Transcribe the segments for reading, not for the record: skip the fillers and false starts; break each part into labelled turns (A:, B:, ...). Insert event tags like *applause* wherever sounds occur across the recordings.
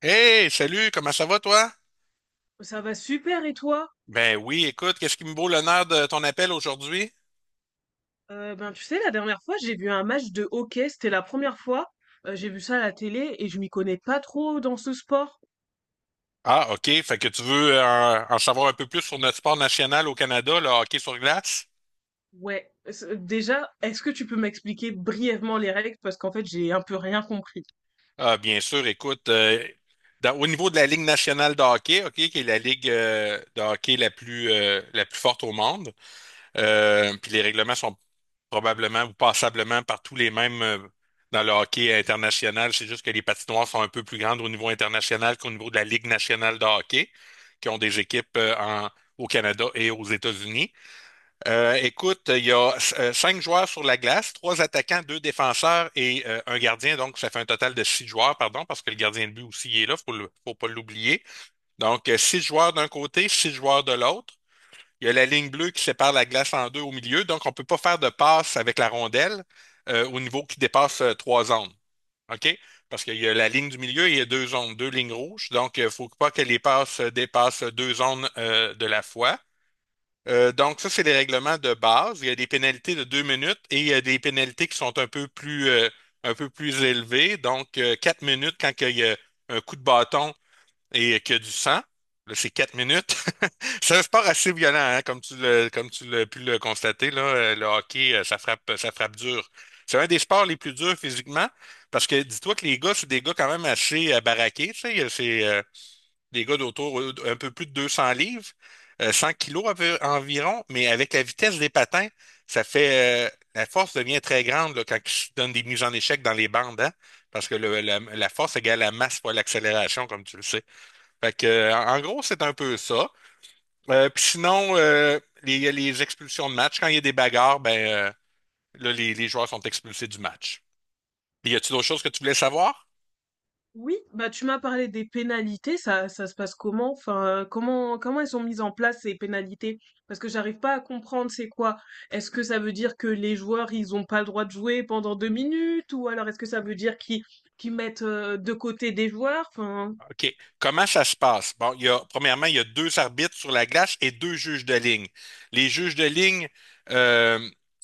A: Hey, salut, comment ça va toi?
B: Ça va super, et toi?
A: Ben oui, écoute, qu'est-ce qui me vaut l'honneur de ton appel aujourd'hui?
B: Ben tu sais, la dernière fois j'ai vu un match de hockey, c'était la première fois. J'ai vu ça à la télé et je m'y connais pas trop dans ce sport.
A: Ah, OK, fait que tu veux en savoir un peu plus sur notre sport national au Canada, le hockey sur glace?
B: Ouais, déjà, est-ce que tu peux m'expliquer brièvement les règles? Parce qu'en fait j'ai un peu rien compris.
A: Ah, bien sûr, écoute, au niveau de la Ligue nationale de hockey, OK, qui est la ligue de hockey la plus forte au monde, puis les règlements sont probablement ou passablement par tous les mêmes dans le hockey international. C'est juste que les patinoires sont un peu plus grandes au niveau international qu'au niveau de la Ligue nationale de hockey, qui ont des équipes au Canada et aux États-Unis. Écoute, il y a cinq joueurs sur la glace, trois attaquants, deux défenseurs et un gardien. Donc, ça fait un total de six joueurs, pardon, parce que le gardien de but aussi il est là, faut pas l'oublier. Donc, six joueurs d'un côté, six joueurs de l'autre. Il y a la ligne bleue qui sépare la glace en deux au milieu, donc on ne peut pas faire de passe avec la rondelle au niveau qui dépasse trois zones. OK? Parce qu'il y a la ligne du milieu et il y a deux zones, deux lignes rouges. Donc, il ne faut pas que les passes dépassent deux zones de la fois. Donc, ça, c'est les règlements de base. Il y a des pénalités de 2 minutes et il y a des pénalités qui sont un peu plus élevées. Donc, 4 minutes quand il y a un coup de bâton et que du sang. Là, c'est 4 minutes. *laughs* C'est un sport assez violent, hein, comme tu l'as pu le constater, là, le hockey, ça frappe dur. C'est un des sports les plus durs physiquement, parce que dis-toi que les gars, c'est des gars quand même assez baraqués, tu sais, c'est des gars d'autour un peu plus de 200 livres, 100 kilos environ, mais avec la vitesse des patins, ça fait, euh, la force devient très grande là, quand ils se donnent des mises en échec dans les bandes, hein, parce que la force égale la masse fois l'accélération, comme tu le sais. Fait que, en gros, c'est un peu ça. Puis sinon, les expulsions de match, quand il y a des bagarres, là, les joueurs sont expulsés du match. Puis y a-tu d'autres choses que tu voulais savoir?
B: Oui, bah tu m'as parlé des pénalités, ça se passe comment? Enfin, comment elles sont mises en place ces pénalités? Parce que j'arrive pas à comprendre c'est quoi. Est-ce que ça veut dire que les joueurs ils ont pas le droit de jouer pendant deux minutes? Ou alors est-ce que ça veut dire qu'ils mettent de côté des joueurs? Enfin,
A: OK. Comment ça se passe? Bon, premièrement, il y a deux arbitres sur la glace et deux juges de ligne. Les juges de ligne euh,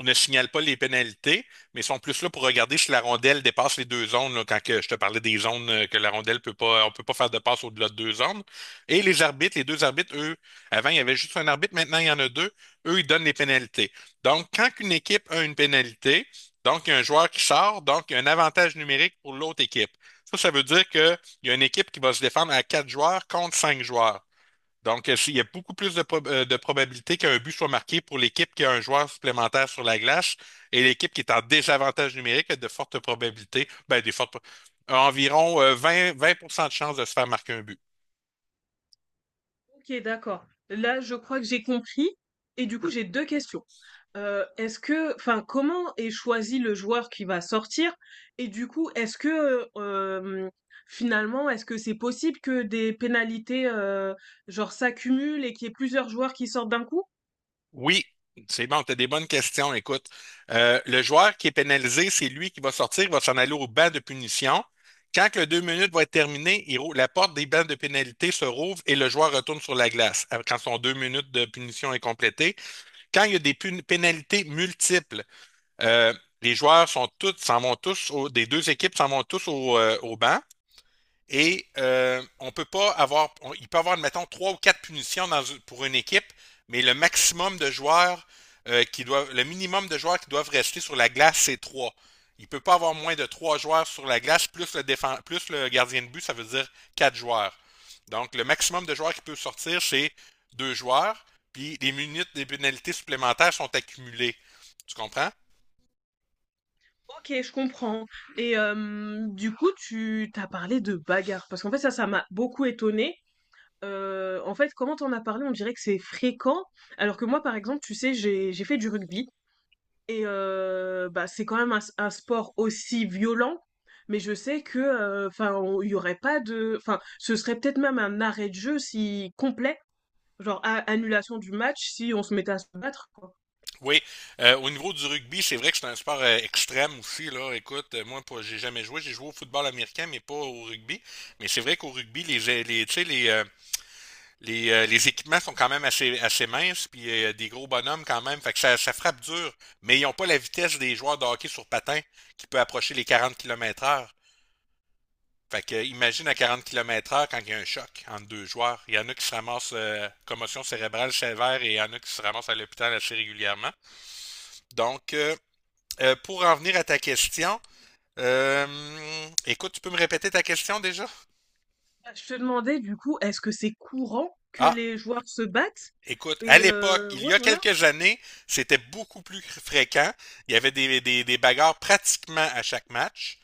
A: ne signalent pas les pénalités, mais sont plus là pour regarder si la rondelle dépasse les deux zones, là, quand que je te parlais des zones que la rondelle peut pas, on peut pas faire de passe au-delà de deux zones. Et les deux arbitres, eux, avant, il y avait juste un arbitre, maintenant, il y en a deux. Eux, ils donnent les pénalités. Donc, quand une équipe a une pénalité, donc il y a un joueur qui sort, donc il y a un avantage numérique pour l'autre équipe. Ça veut dire que il y a une équipe qui va se défendre à quatre joueurs contre cinq joueurs. Donc, s'il y a beaucoup plus de probabilité qu'un but soit marqué pour l'équipe qui a un joueur supplémentaire sur la glace et l'équipe qui est en désavantage numérique a de fortes probabilités, ben, a environ 20% de chances de se faire marquer un but.
B: OK, d'accord. Là, je crois que j'ai compris, et du coup, j'ai 2 questions. Est-ce que, enfin, comment est choisi le joueur qui va sortir? Et du coup, est-ce que, finalement, est-ce que c'est possible que des pénalités, genre, s'accumulent et qu'il y ait plusieurs joueurs qui sortent d'un coup?
A: Oui, c'est bon, tu as des bonnes questions. Écoute, le joueur qui est pénalisé, c'est lui qui va sortir, il va s'en aller au banc de punition. Quand que le 2 minutes va être terminé, la porte des bancs de pénalité se rouvre et le joueur retourne sur la glace quand son 2 minutes de punition est complétée. Quand il y a des pénalités multiples, euh, les joueurs sont tous, s'en vont tous, des deux équipes s'en vont tous au banc. Et on peut pas avoir, il peut avoir, mettons, trois ou quatre punitions dans pour une équipe, mais le maximum de joueurs qui doivent, le minimum de joueurs qui doivent rester sur la glace, c'est trois. Il peut pas avoir moins de trois joueurs sur la glace, plus le défense, plus le gardien de but, ça veut dire quatre joueurs. Donc, le maximum de joueurs qui peut sortir, c'est deux joueurs, puis les minutes des pénalités supplémentaires sont accumulées. Tu comprends?
B: OK, je comprends, et du coup, tu t'as parlé de bagarre parce qu'en fait, ça m'a beaucoup étonnée. En fait, comment t'en as parlé, on dirait que c'est fréquent, alors que moi, par exemple, tu sais, j'ai fait du rugby. Et c'est quand même un sport aussi violent, mais je sais que, enfin, il y aurait pas de enfin, ce serait peut-être même un arrêt de jeu si complet, genre a annulation du match si on se mettait à se battre, quoi.
A: Oui, au niveau du rugby, c'est vrai que c'est un sport extrême aussi, là. Écoute, moi, j'ai jamais joué. J'ai joué au football américain, mais pas au rugby. Mais c'est vrai qu'au rugby, tu sais, les équipements sont quand même assez, assez minces, puis des gros bonhommes quand même. Fait que ça frappe dur, mais ils ont pas la vitesse des joueurs de hockey sur patin qui peut approcher les 40 km heure. Fait que imagine à 40 km heure quand il y a un choc entre deux joueurs. Il y en a qui se ramassent commotion cérébrale sévère et il y en a qui se ramassent à l'hôpital assez régulièrement. Donc, pour en venir à ta question, écoute, tu peux me répéter ta question déjà?
B: Bah, je te demandais, du coup, est-ce que c'est courant que
A: Ah,
B: les joueurs se battent?
A: écoute, à l'époque, il y
B: Ouais,
A: a
B: voilà.
A: quelques années, c'était beaucoup plus fréquent. Il y avait des bagarres pratiquement à chaque match.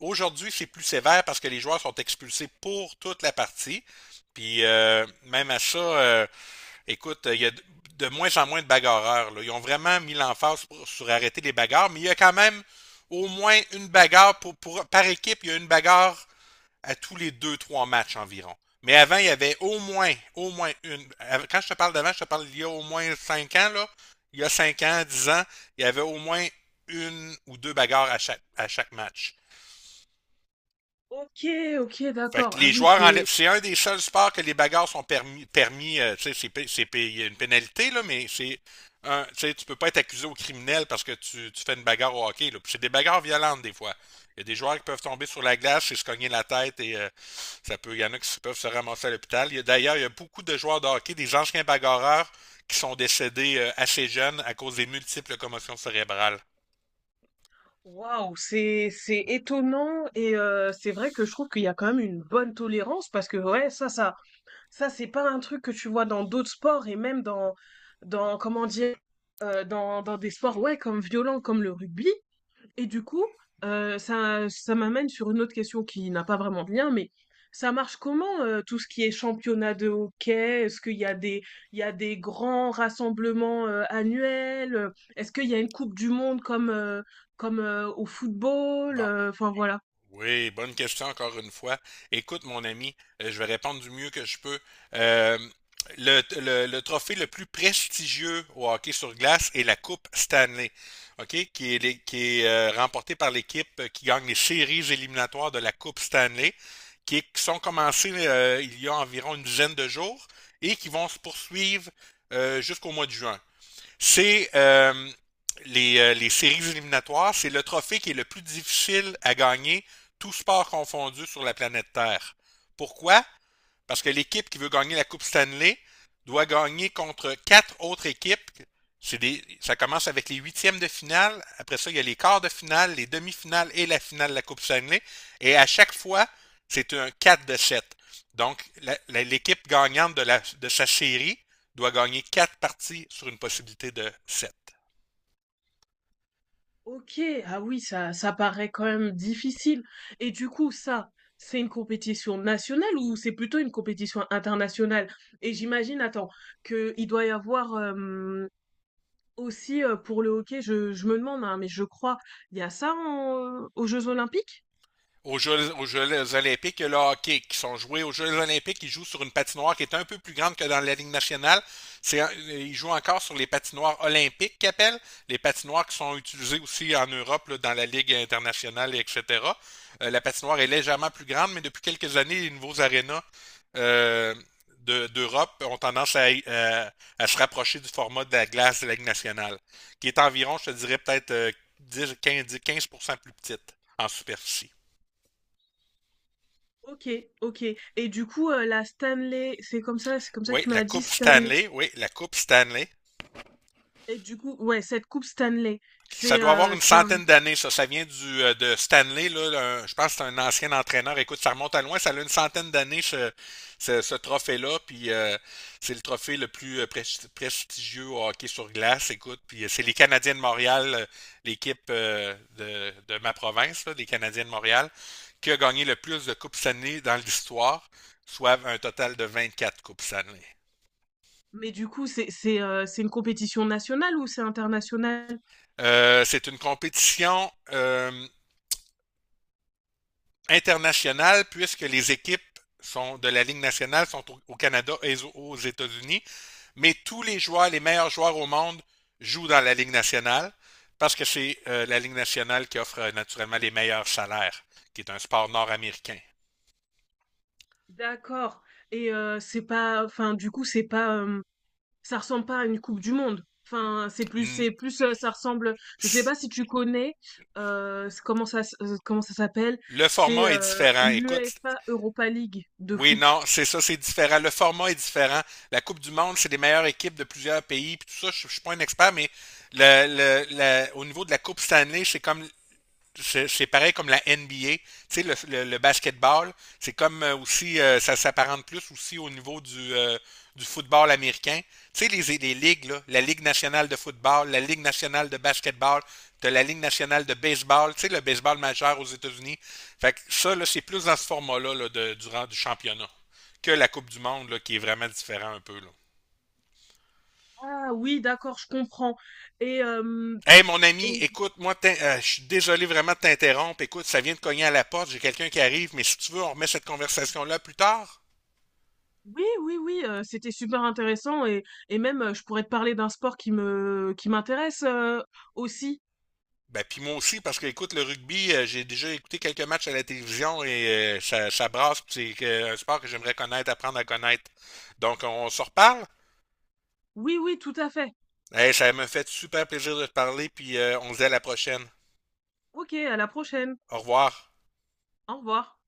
A: Aujourd'hui, c'est plus sévère parce que les joueurs sont expulsés pour toute la partie. Puis même à ça, écoute, il y a de moins en moins de bagarreurs là. Ils ont vraiment mis l'emphase sur arrêter les bagarres, mais il y a quand même au moins une bagarre par équipe, il y a une bagarre à tous les deux, trois matchs environ. Mais avant, il y avait au moins une. Quand je te parle d'avant, je te parle d'il y a au moins cinq ans, là. Il y a 5 ans, 10 ans, il y avait au moins une ou deux bagarres à chaque match.
B: OK, OK,
A: Fait
B: d'accord.
A: que
B: Ah
A: les
B: oui,
A: joueurs
B: c'est
A: enlèvent. C'est un des seuls sports que les bagarres sont permis. Tu sais, c'est il y a une pénalité, là, mais c'est. Un, tu sais, tu peux pas être accusé au criminel parce que tu fais une bagarre au hockey. Là. Puis c'est des bagarres violentes des fois. Il y a des joueurs qui peuvent tomber sur la glace et se cogner la tête et ça peut. Il y en a qui peuvent se ramasser à l'hôpital. D'ailleurs, il y a beaucoup de joueurs de hockey, des anciens bagarreurs, qui sont décédés assez jeunes à cause des multiples commotions cérébrales.
B: Waouh, c'est étonnant, et c'est vrai que je trouve qu'il y a quand même une bonne tolérance, parce que ça, c'est pas un truc que tu vois dans d'autres sports, et même dans, comment dire, dans des sports, ouais, comme violents, comme le rugby. Et du coup, ça m'amène sur une autre question qui n'a pas vraiment de lien, mais ça marche comment, tout ce qui est championnat de hockey? Est-ce qu'il y a des, il y a des grands rassemblements, annuels? Est-ce qu'il y a une Coupe du Monde comme, au football?
A: Bon.
B: Enfin, voilà.
A: Oui, bonne question encore une fois. Écoute, mon ami, je vais répondre du mieux que je peux. Euh, le trophée le plus prestigieux au hockey sur glace est la Coupe Stanley, OK, qui est remportée par l'équipe qui gagne les séries éliminatoires de la Coupe Stanley, qui sont commencées il y a environ une dizaine de jours et qui vont se poursuivre jusqu'au mois de juin. C'est euh, les séries éliminatoires, c'est le trophée qui est le plus difficile à gagner, tout sport confondu sur la planète Terre. Pourquoi? Parce que l'équipe qui veut gagner la Coupe Stanley doit gagner contre quatre autres équipes. Ça commence avec les huitièmes de finale. Après ça, il y a les quarts de finale, les demi-finales et la finale de la Coupe Stanley. Et à chaque fois, c'est un 4 de 7. Donc, l'équipe gagnante de sa série doit gagner quatre parties sur une possibilité de 7.
B: OK, ah oui, ça paraît quand même difficile, et du coup, ça, c'est une compétition nationale ou c'est plutôt une compétition internationale? Et j'imagine, attends, qu'il doit y avoir, aussi, pour le hockey, je me demande, hein, mais je crois, il y a ça en aux Jeux olympiques?
A: Aux Jeux olympiques, il y a le hockey qui sont joués aux Jeux olympiques. Ils jouent sur une patinoire qui est un peu plus grande que dans la Ligue nationale. Ils jouent encore sur les patinoires olympiques qu'ils appellent, les patinoires qui sont utilisées aussi en Europe, là, dans la Ligue internationale, etc. La patinoire est légèrement plus grande, mais depuis quelques années, les nouveaux arénas euh, d'Europe ont tendance à se rapprocher du format de la glace de la Ligue nationale, qui est environ, je te dirais, peut-être 10, 15, 15% plus petite en superficie.
B: OK, OK, et du coup, la Stanley, c'est comme ça que
A: Oui,
B: tu
A: la
B: m'as dit,
A: Coupe
B: Stanley?
A: Stanley. Oui, la Coupe Stanley.
B: Et du coup, ouais, cette coupe Stanley,
A: Ça doit avoir une
B: c'est un...
A: centaine d'années, ça. Ça vient de Stanley, là. Je pense que c'est un ancien entraîneur. Écoute, ça remonte à loin. Ça a une centaine d'années, ce trophée-là. Puis c'est le trophée le plus prestigieux au hockey sur glace. Écoute, puis c'est les Canadiens de Montréal, l'équipe de ma province, là, des Canadiens de Montréal, qui a gagné le plus de Coupes Stanley dans l'histoire, soit un total de 24 Coupes Stanley.
B: mais du coup, c'est une compétition nationale ou c'est international?
A: C'est une compétition international puisque les équipes sont de la Ligue nationale sont au Canada et aux États-Unis, mais tous les joueurs, les meilleurs joueurs au monde jouent dans la Ligue nationale parce que c'est la Ligue nationale qui offre naturellement les meilleurs salaires, qui est un sport nord-américain.
B: D'accord, et c'est pas, enfin, du coup, c'est pas, ça ressemble pas à une coupe du monde? Enfin, c'est plus, ça ressemble... je sais pas si tu connais, s comment ça s'appelle?
A: Le
B: C'est,
A: format est différent. Écoute,
B: l'UEFA Europa League de
A: oui,
B: foot.
A: non, c'est ça, c'est différent. Le format est différent. La Coupe du Monde, c'est les meilleures équipes de plusieurs pays, puis tout ça, je suis pas un expert, mais au niveau de la Coupe Stanley, c'est pareil comme la NBA. Tu sais, le basketball, c'est comme aussi, ça s'apparente plus aussi au niveau du football américain. Tu sais, les ligues, là, la Ligue nationale de football, la Ligue nationale de basketball, de la Ligue nationale de baseball, tu sais, le baseball majeur aux États-Unis. Fait que ça, là, c'est plus dans ce format-là là, durant du championnat que la Coupe du Monde, là, qui est vraiment différent un peu. Là.
B: Ah oui, d'accord, je comprends. et hem
A: Hey, mon ami,
B: et
A: écoute, moi, je suis désolé vraiment de t'interrompre. Écoute, ça vient de cogner à la porte, j'ai quelqu'un qui arrive, mais si tu veux, on remet cette conversation-là plus tard.
B: oui, oui, oui, c'était super intéressant, et même, je pourrais te parler d'un sport qui m'intéresse, aussi.
A: Ben, puis moi aussi, parce que, écoute, le rugby, j'ai déjà écouté quelques matchs à la télévision et ça, ça brasse, puis c'est un sport que j'aimerais connaître, apprendre à connaître. Donc, on se reparle.
B: Oui, oui, tout à fait.
A: Hey, ça me fait super plaisir de te parler, puis on se dit à la prochaine.
B: OK, à la prochaine.
A: Au revoir.
B: Au revoir.